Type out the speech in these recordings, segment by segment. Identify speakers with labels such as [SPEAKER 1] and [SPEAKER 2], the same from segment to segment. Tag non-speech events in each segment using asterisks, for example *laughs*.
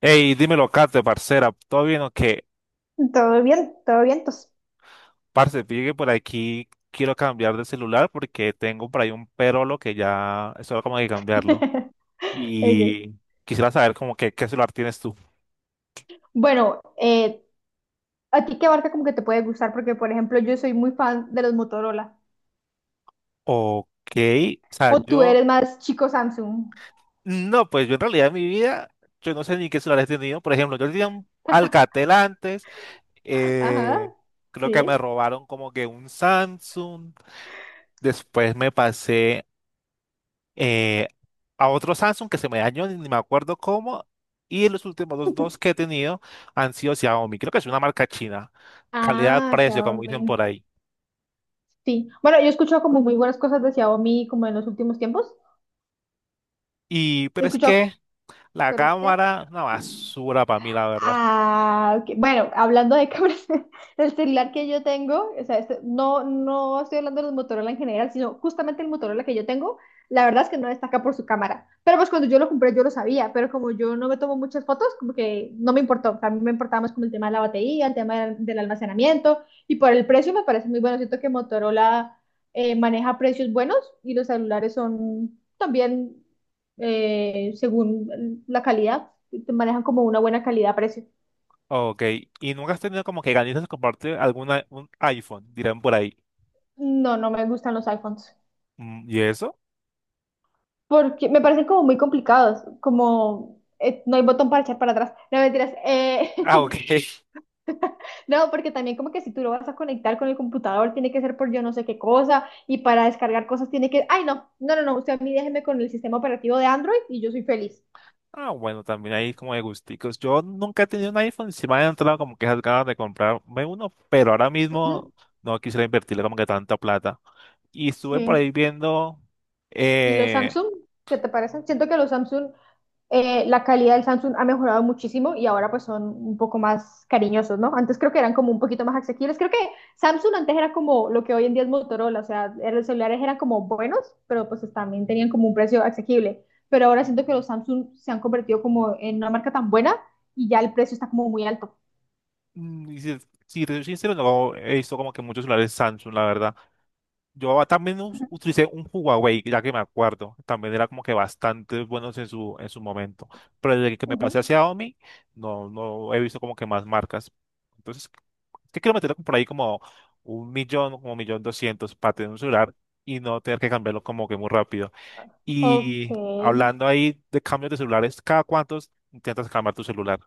[SPEAKER 1] Ey, dímelo, Kate, parcera, ¿todo bien o qué?
[SPEAKER 2] Todo bien, tos.
[SPEAKER 1] Parce, fíjate que por aquí, quiero cambiar de celular porque tengo por ahí un perolo que ya es hora como de cambiarlo.
[SPEAKER 2] *laughs* Ok.
[SPEAKER 1] Y quisiera saber como que qué celular tienes tú.
[SPEAKER 2] Bueno, ¿a ti qué marca como que te puede gustar? Porque, por ejemplo, yo soy muy fan de los Motorola.
[SPEAKER 1] Ok, o sea,
[SPEAKER 2] ¿O tú
[SPEAKER 1] yo,
[SPEAKER 2] eres más chico Samsung?
[SPEAKER 1] no, pues yo en realidad en mi vida, yo no sé ni qué celular he tenido. Por ejemplo, yo tenía un Alcatel antes,
[SPEAKER 2] Ajá,
[SPEAKER 1] eh, creo que
[SPEAKER 2] sí.
[SPEAKER 1] me robaron como que un Samsung, después me pasé eh, a otro Samsung que se me dañó, ni me acuerdo cómo, y los últimos dos que he tenido han sido Xiaomi, creo que es una marca china,
[SPEAKER 2] Ah,
[SPEAKER 1] calidad-precio, como dicen
[SPEAKER 2] Xiaomi.
[SPEAKER 1] por ahí.
[SPEAKER 2] Sí. Bueno, yo he escuchado como muy buenas cosas de Xiaomi como en los últimos tiempos.
[SPEAKER 1] Y,
[SPEAKER 2] He
[SPEAKER 1] pero es
[SPEAKER 2] escuchado,
[SPEAKER 1] que la
[SPEAKER 2] pero es que
[SPEAKER 1] cámara, una basura para mí, la verdad.
[SPEAKER 2] ah, ok. Bueno, hablando de cámaras, *laughs* el celular que yo tengo, o sea, no, no estoy hablando de los Motorola en general, sino justamente el Motorola que yo tengo, la verdad es que no destaca por su cámara. Pero pues cuando yo lo compré yo lo sabía, pero como yo no me tomo muchas fotos, como que no me importó. O sea, a mí me importaba más como el tema de la batería, el tema del almacenamiento, y por el precio me parece muy bueno. Siento que Motorola maneja precios buenos y los celulares son también según la calidad te manejan como una buena calidad-precio.
[SPEAKER 1] Ok, y nunca has tenido como que ganas de compartir alguna, un iPhone, dirán por ahí.
[SPEAKER 2] No, no me gustan los iPhones.
[SPEAKER 1] Mm, ¿y eso?
[SPEAKER 2] Porque me parecen como muy complicados, como no hay botón para echar para atrás. No, mentiras.
[SPEAKER 1] Ah, ok. *laughs*
[SPEAKER 2] *laughs* No, porque también como que si tú lo vas a conectar con el computador, tiene que ser por yo no sé qué cosa, y para descargar cosas tiene que... Ay, no, no, no, no, usted a mí déjeme con el sistema operativo de Android y yo soy feliz.
[SPEAKER 1] Ah, bueno, también hay como de gusticos. Yo nunca he tenido un iPhone, sí me han entrado como que esas ganas de comprarme uno, pero ahora
[SPEAKER 2] Ujú.
[SPEAKER 1] mismo no quisiera invertirle como que tanta plata. Y estuve por
[SPEAKER 2] Sí.
[SPEAKER 1] ahí viendo,
[SPEAKER 2] ¿Y los
[SPEAKER 1] eh,
[SPEAKER 2] Samsung? ¿Qué te parecen? Siento que los Samsung, la calidad del Samsung ha mejorado muchísimo y ahora pues son un poco más cariñosos, ¿no? Antes creo que eran como un poquito más asequibles. Creo que Samsung antes era como lo que hoy en día es Motorola, o sea, los celulares eran como buenos, pero pues también tenían como un precio asequible. Pero ahora siento que los Samsung se han convertido como en una marca tan buena y ya el precio está como muy alto.
[SPEAKER 1] y si te soy sincero, no he visto como que muchos celulares Samsung, la verdad. Yo también utilicé un Huawei, ya que me acuerdo. También era como que bastante buenos en su momento. Pero desde que me pasé
[SPEAKER 2] Ujú.
[SPEAKER 1] hacia Xiaomi, no, no he visto como que más marcas. Entonces, ¿qué quiero meter por ahí como 1.000.000, como 1.200.000 para tener un celular y no tener que cambiarlo como que muy rápido?
[SPEAKER 2] Ok,
[SPEAKER 1] Y hablando ahí de cambios de celulares, ¿cada cuántos intentas cambiar tu celular?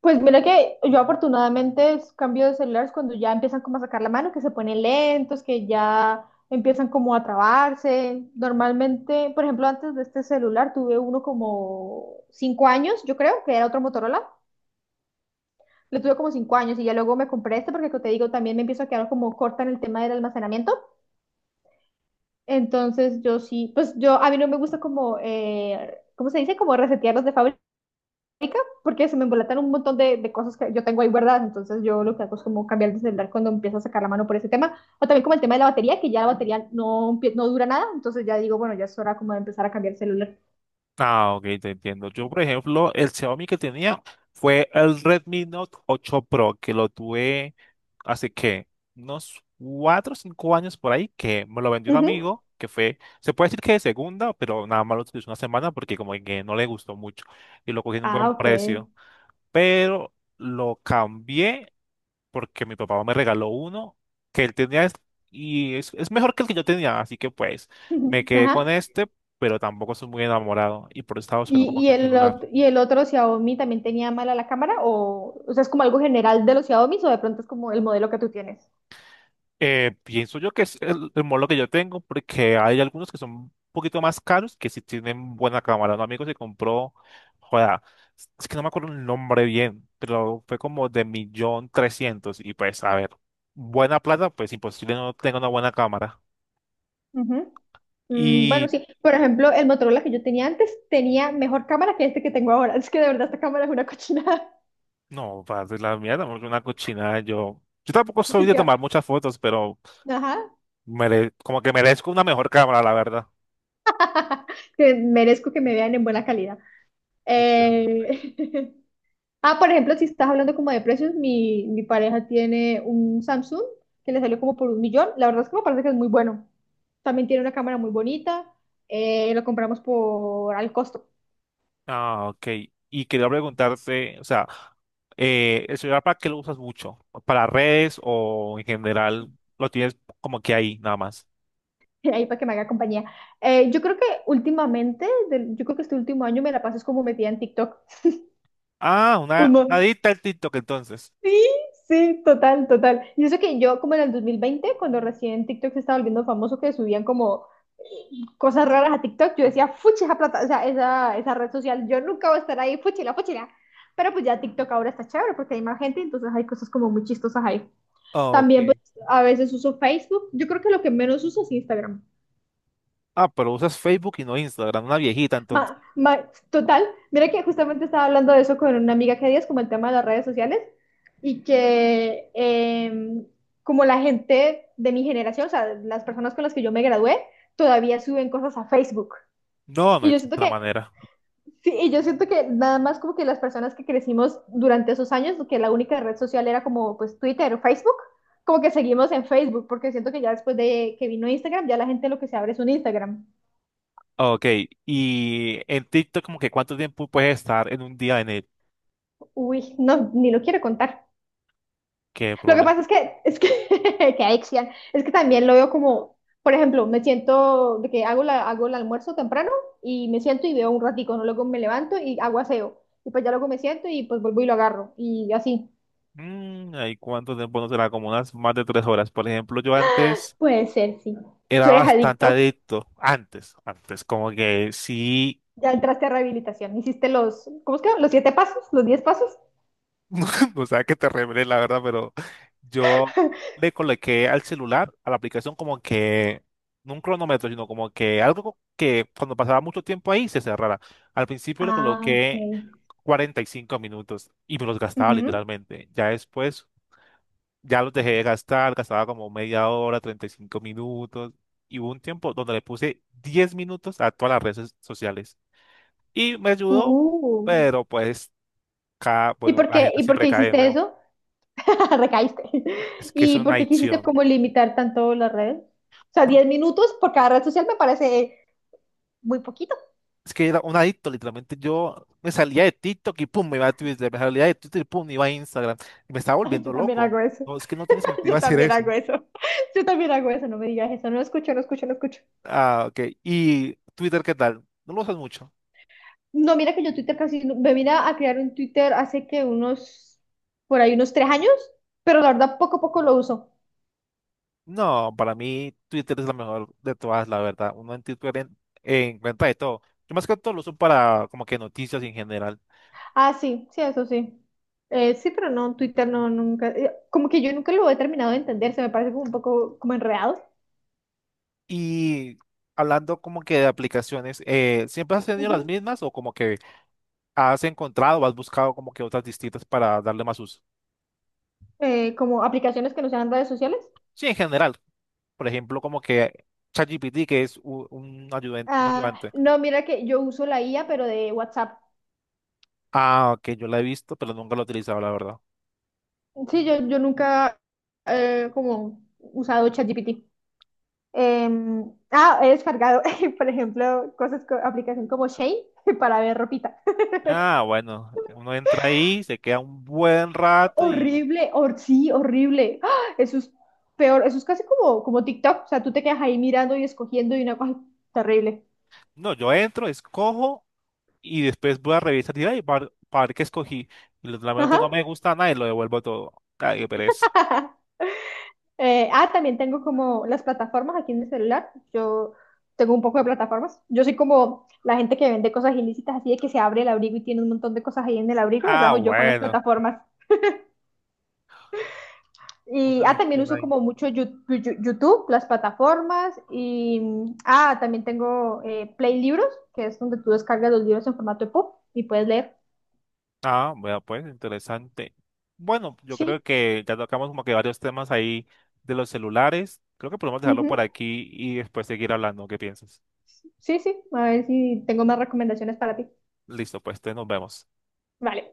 [SPEAKER 2] pues mira que yo afortunadamente cambio de celulares cuando ya empiezan como a sacar la mano, que se ponen lentos, que ya empiezan como a trabarse. Normalmente, por ejemplo, antes de este celular tuve uno como 5 años, yo creo, que era otro Motorola. Le tuve como 5 años y ya luego me compré este porque como te digo, también me empiezo a quedar como corta en el tema del almacenamiento. Entonces yo sí, pues yo a mí no me gusta como, ¿cómo se dice? Como resetearlos de fábrica. Porque se me embolatan un montón de cosas que yo tengo ahí guardadas, entonces yo lo que hago es como cambiar de celular cuando empiezo a sacar la mano por ese tema, o también como el tema de la batería, que ya la batería no, no dura nada, entonces ya digo, bueno, ya es hora como de empezar a cambiar el celular.
[SPEAKER 1] Ah, ok, te entiendo. Yo, por ejemplo, el Xiaomi que tenía fue el Redmi Note 8 Pro, que lo tuve hace que unos 4 o 5 años por ahí, que me lo vendió
[SPEAKER 2] Uh
[SPEAKER 1] un
[SPEAKER 2] -huh.
[SPEAKER 1] amigo, que fue, se puede decir que de segunda, pero nada más lo utilizó una semana porque como que no le gustó mucho y lo cogí en un
[SPEAKER 2] Ah,
[SPEAKER 1] buen
[SPEAKER 2] ok.
[SPEAKER 1] precio.
[SPEAKER 2] *laughs*
[SPEAKER 1] Pero lo cambié porque mi papá me regaló uno que él tenía y es mejor que el que yo tenía, así que pues
[SPEAKER 2] Uh
[SPEAKER 1] me
[SPEAKER 2] -huh.
[SPEAKER 1] quedé con
[SPEAKER 2] Ajá.
[SPEAKER 1] este, pero tampoco soy muy enamorado y por eso estaba buscando
[SPEAKER 2] ¿Y,
[SPEAKER 1] como
[SPEAKER 2] y,
[SPEAKER 1] que un
[SPEAKER 2] el,
[SPEAKER 1] celular.
[SPEAKER 2] ot- ¿Y el otro Xiaomi también tenía mala la cámara? ¿O, ¿o sea, es como algo general de los Xiaomi o de pronto es como el modelo que tú tienes?
[SPEAKER 1] Pienso yo que es el modelo que yo tengo porque hay algunos que son un poquito más caros que si tienen buena cámara. Un amigo se compró, joda, es que no me acuerdo el nombre bien, pero fue como de 1.300.000 y pues a ver, buena plata, pues imposible no tenga una buena cámara.
[SPEAKER 2] Uh -huh. Mm, bueno, sí, por ejemplo, el Motorola que yo tenía antes tenía mejor cámara que este que tengo ahora. Es que de verdad esta cámara es una cochinada.
[SPEAKER 1] No, padre, la mierda, porque una cochinada. Yo tampoco
[SPEAKER 2] *laughs*
[SPEAKER 1] soy
[SPEAKER 2] Es
[SPEAKER 1] de
[SPEAKER 2] que
[SPEAKER 1] tomar muchas fotos, pero
[SPEAKER 2] ajá.
[SPEAKER 1] como que merezco una mejor cámara, la verdad.
[SPEAKER 2] *laughs* Que merezco que me vean en buena calidad.
[SPEAKER 1] Literalmente.
[SPEAKER 2] Eh, *laughs* Ah, por ejemplo, si estás hablando como de precios, mi pareja tiene un Samsung que le salió como por un millón. La verdad es que me parece que es muy bueno. También tiene una cámara muy bonita. Lo compramos por al costo.
[SPEAKER 1] Ah, ok. Y quería preguntarte, o sea, ¿el celular para qué lo usas mucho? ¿Para redes o en general lo tienes como que ahí, nada más?
[SPEAKER 2] *laughs* Ahí para que me haga compañía. Yo creo que últimamente, yo creo que este último año me la paso es como metida en TikTok.
[SPEAKER 1] Ah,
[SPEAKER 2] Un,
[SPEAKER 1] una,
[SPEAKER 2] mo-
[SPEAKER 1] una adicta al TikTok entonces.
[SPEAKER 2] Sí, sí, total, total. Y eso que yo, como en el 2020, cuando recién TikTok se estaba volviendo famoso, que subían como eh, cosas raras a TikTok, yo decía, fuchi, esa plata, o sea, esa red social, yo nunca voy a estar ahí, fuchila, fuchila. Pero pues ya TikTok ahora está chévere porque hay más gente, entonces hay cosas como muy chistosas ahí.
[SPEAKER 1] Ok.
[SPEAKER 2] También, pues, a veces uso Facebook. Yo creo que lo que menos uso es Instagram.
[SPEAKER 1] Ah, pero usas Facebook y no Instagram, una viejita entonces.
[SPEAKER 2] Total, mira que justamente estaba hablando de eso con una amiga que días, como el tema de las redes sociales, y que como la gente de mi generación, o sea, las personas con las que yo me gradué, todavía suben cosas a Facebook.
[SPEAKER 1] No, no
[SPEAKER 2] Y
[SPEAKER 1] es
[SPEAKER 2] yo siento
[SPEAKER 1] otra
[SPEAKER 2] que,
[SPEAKER 1] manera.
[SPEAKER 2] sí, y yo siento que nada más como que las personas que crecimos durante esos años, que la única red social era como pues Twitter o Facebook, como que seguimos en Facebook, porque siento que ya después de que vino Instagram, ya la gente lo que se abre es un Instagram.
[SPEAKER 1] Ok, y en TikTok como que cuánto tiempo puedes estar en un día en él,
[SPEAKER 2] Uy, no, ni lo quiero contar.
[SPEAKER 1] qué
[SPEAKER 2] Lo que
[SPEAKER 1] problema.
[SPEAKER 2] pasa es que, *laughs* que adicción, es que también lo veo como, por ejemplo, me siento de que hago, hago el almuerzo temprano y me siento y veo un ratico, ¿no? Luego me levanto y hago aseo. Y pues ya luego me siento y pues vuelvo y lo agarro. Y así.
[SPEAKER 1] Mm, ¿y cuánto tiempo no será? Como unas más de 3 horas. Por ejemplo, yo antes
[SPEAKER 2] Puede ser, sí.
[SPEAKER 1] era
[SPEAKER 2] Tú eres
[SPEAKER 1] bastante
[SPEAKER 2] adicto,
[SPEAKER 1] adicto, antes, antes, como que sí.
[SPEAKER 2] ya entraste a rehabilitación. Hiciste los, ¿cómo es que? Los siete pasos, los diez pasos.
[SPEAKER 1] *laughs* O sea que te revelé la verdad, pero yo le coloqué al celular, a la aplicación como que, no un cronómetro, sino como que algo que cuando pasaba mucho tiempo ahí se cerrara. Al principio le
[SPEAKER 2] Ah, ok.
[SPEAKER 1] coloqué 45 minutos y me los gastaba
[SPEAKER 2] Ujú.
[SPEAKER 1] literalmente. Ya los dejé de gastar, gastaba como media hora, 35 minutos. Y hubo un tiempo donde le puse 10 minutos a todas las redes sociales. Y me ayudó,
[SPEAKER 2] Uh.
[SPEAKER 1] pero pues,
[SPEAKER 2] ¿Y
[SPEAKER 1] bueno,
[SPEAKER 2] por
[SPEAKER 1] la
[SPEAKER 2] qué,
[SPEAKER 1] gente
[SPEAKER 2] y por
[SPEAKER 1] siempre
[SPEAKER 2] qué
[SPEAKER 1] cae de
[SPEAKER 2] hiciste
[SPEAKER 1] nuevo.
[SPEAKER 2] eso? *laughs* Recaíste.
[SPEAKER 1] Es que es
[SPEAKER 2] ¿Y
[SPEAKER 1] una
[SPEAKER 2] por qué quisiste
[SPEAKER 1] adicción.
[SPEAKER 2] como limitar tanto las redes? O sea,
[SPEAKER 1] No,
[SPEAKER 2] 10 minutos por cada red social me parece muy poquito.
[SPEAKER 1] es que era un adicto, literalmente. Yo me salía de TikTok y pum, me iba a Twitter. Me salía de Twitter y pum, me iba a Instagram. Y me estaba
[SPEAKER 2] Ay,
[SPEAKER 1] volviendo
[SPEAKER 2] yo también
[SPEAKER 1] loco.
[SPEAKER 2] hago eso.
[SPEAKER 1] No, es que no tiene
[SPEAKER 2] *laughs*
[SPEAKER 1] sentido
[SPEAKER 2] Yo
[SPEAKER 1] hacer
[SPEAKER 2] también
[SPEAKER 1] eso.
[SPEAKER 2] hago eso. *laughs* Yo también hago eso. No me digas eso. No escucho, no escucho, no escucho.
[SPEAKER 1] Ah, ok. ¿Y Twitter qué tal? ¿No lo usas mucho?
[SPEAKER 2] No, mira que yo Twitter casi me vine a crear un Twitter hace que unos, por ahí unos 3 años, pero la verdad poco a poco lo uso.
[SPEAKER 1] No, para mí Twitter es la mejor de todas, la verdad. Uno en Twitter encuentra de todo. Yo más que todo lo uso para como que noticias en general.
[SPEAKER 2] Ah, sí, sí, eso sí. Sí, pero no, Twitter no, nunca. Como que yo nunca lo he terminado de entender. Se me parece como un poco como enredado.
[SPEAKER 1] Y hablando como que de aplicaciones, ¿siempre has tenido las mismas o como que has encontrado o has buscado como que otras distintas para darle más uso?
[SPEAKER 2] Como aplicaciones que no sean redes sociales.
[SPEAKER 1] Sí, en general. Por ejemplo, como que ChatGPT, que es un
[SPEAKER 2] Ah,
[SPEAKER 1] ayudante.
[SPEAKER 2] no, mira que yo uso la IA, pero de WhatsApp.
[SPEAKER 1] Ah, ok, yo la he visto, pero nunca lo he utilizado, la verdad.
[SPEAKER 2] Sí, yo nunca como usado ChatGPT. Ah, he descargado, *laughs* por ejemplo, cosas, aplicación como Shane *laughs* para ver ropita.
[SPEAKER 1] Ah, bueno, uno entra ahí, se queda un buen
[SPEAKER 2] *laughs*
[SPEAKER 1] rato.
[SPEAKER 2] Horrible, sí, horrible. ¡Ah! Eso es peor, eso es casi como TikTok. O sea, tú te quedas ahí mirando y escogiendo y una cosa terrible.
[SPEAKER 1] No, yo entro, escojo y después voy a revisar y ay, para ver qué escogí. Y
[SPEAKER 2] Ajá.
[SPEAKER 1] realmente no me gusta nada y lo devuelvo todo. Ay, qué pereza.
[SPEAKER 2] *laughs* También tengo como las plataformas aquí en el celular. Yo tengo un poco de plataformas. Yo soy como la gente que vende cosas ilícitas, así de que se abre el abrigo y tiene un montón de cosas ahí en el abrigo. Esa
[SPEAKER 1] Ah,
[SPEAKER 2] soy yo con las
[SPEAKER 1] bueno.
[SPEAKER 2] plataformas. Y
[SPEAKER 1] Una
[SPEAKER 2] también
[SPEAKER 1] adicción
[SPEAKER 2] uso
[SPEAKER 1] ahí.
[SPEAKER 2] como mucho YouTube, las plataformas. Y también tengo Play Libros, que es donde tú descargas los libros en formato EPUB y puedes leer.
[SPEAKER 1] Ah, bueno, pues interesante. Bueno, yo creo
[SPEAKER 2] Sí,
[SPEAKER 1] que ya tocamos como que varios temas ahí de los celulares. Creo que podemos dejarlo por
[SPEAKER 2] ujú,
[SPEAKER 1] aquí y después seguir hablando. ¿Qué piensas?
[SPEAKER 2] sí, sí. A ver si tengo más recomendaciones para ti.
[SPEAKER 1] Listo, pues, entonces nos vemos.
[SPEAKER 2] Vale.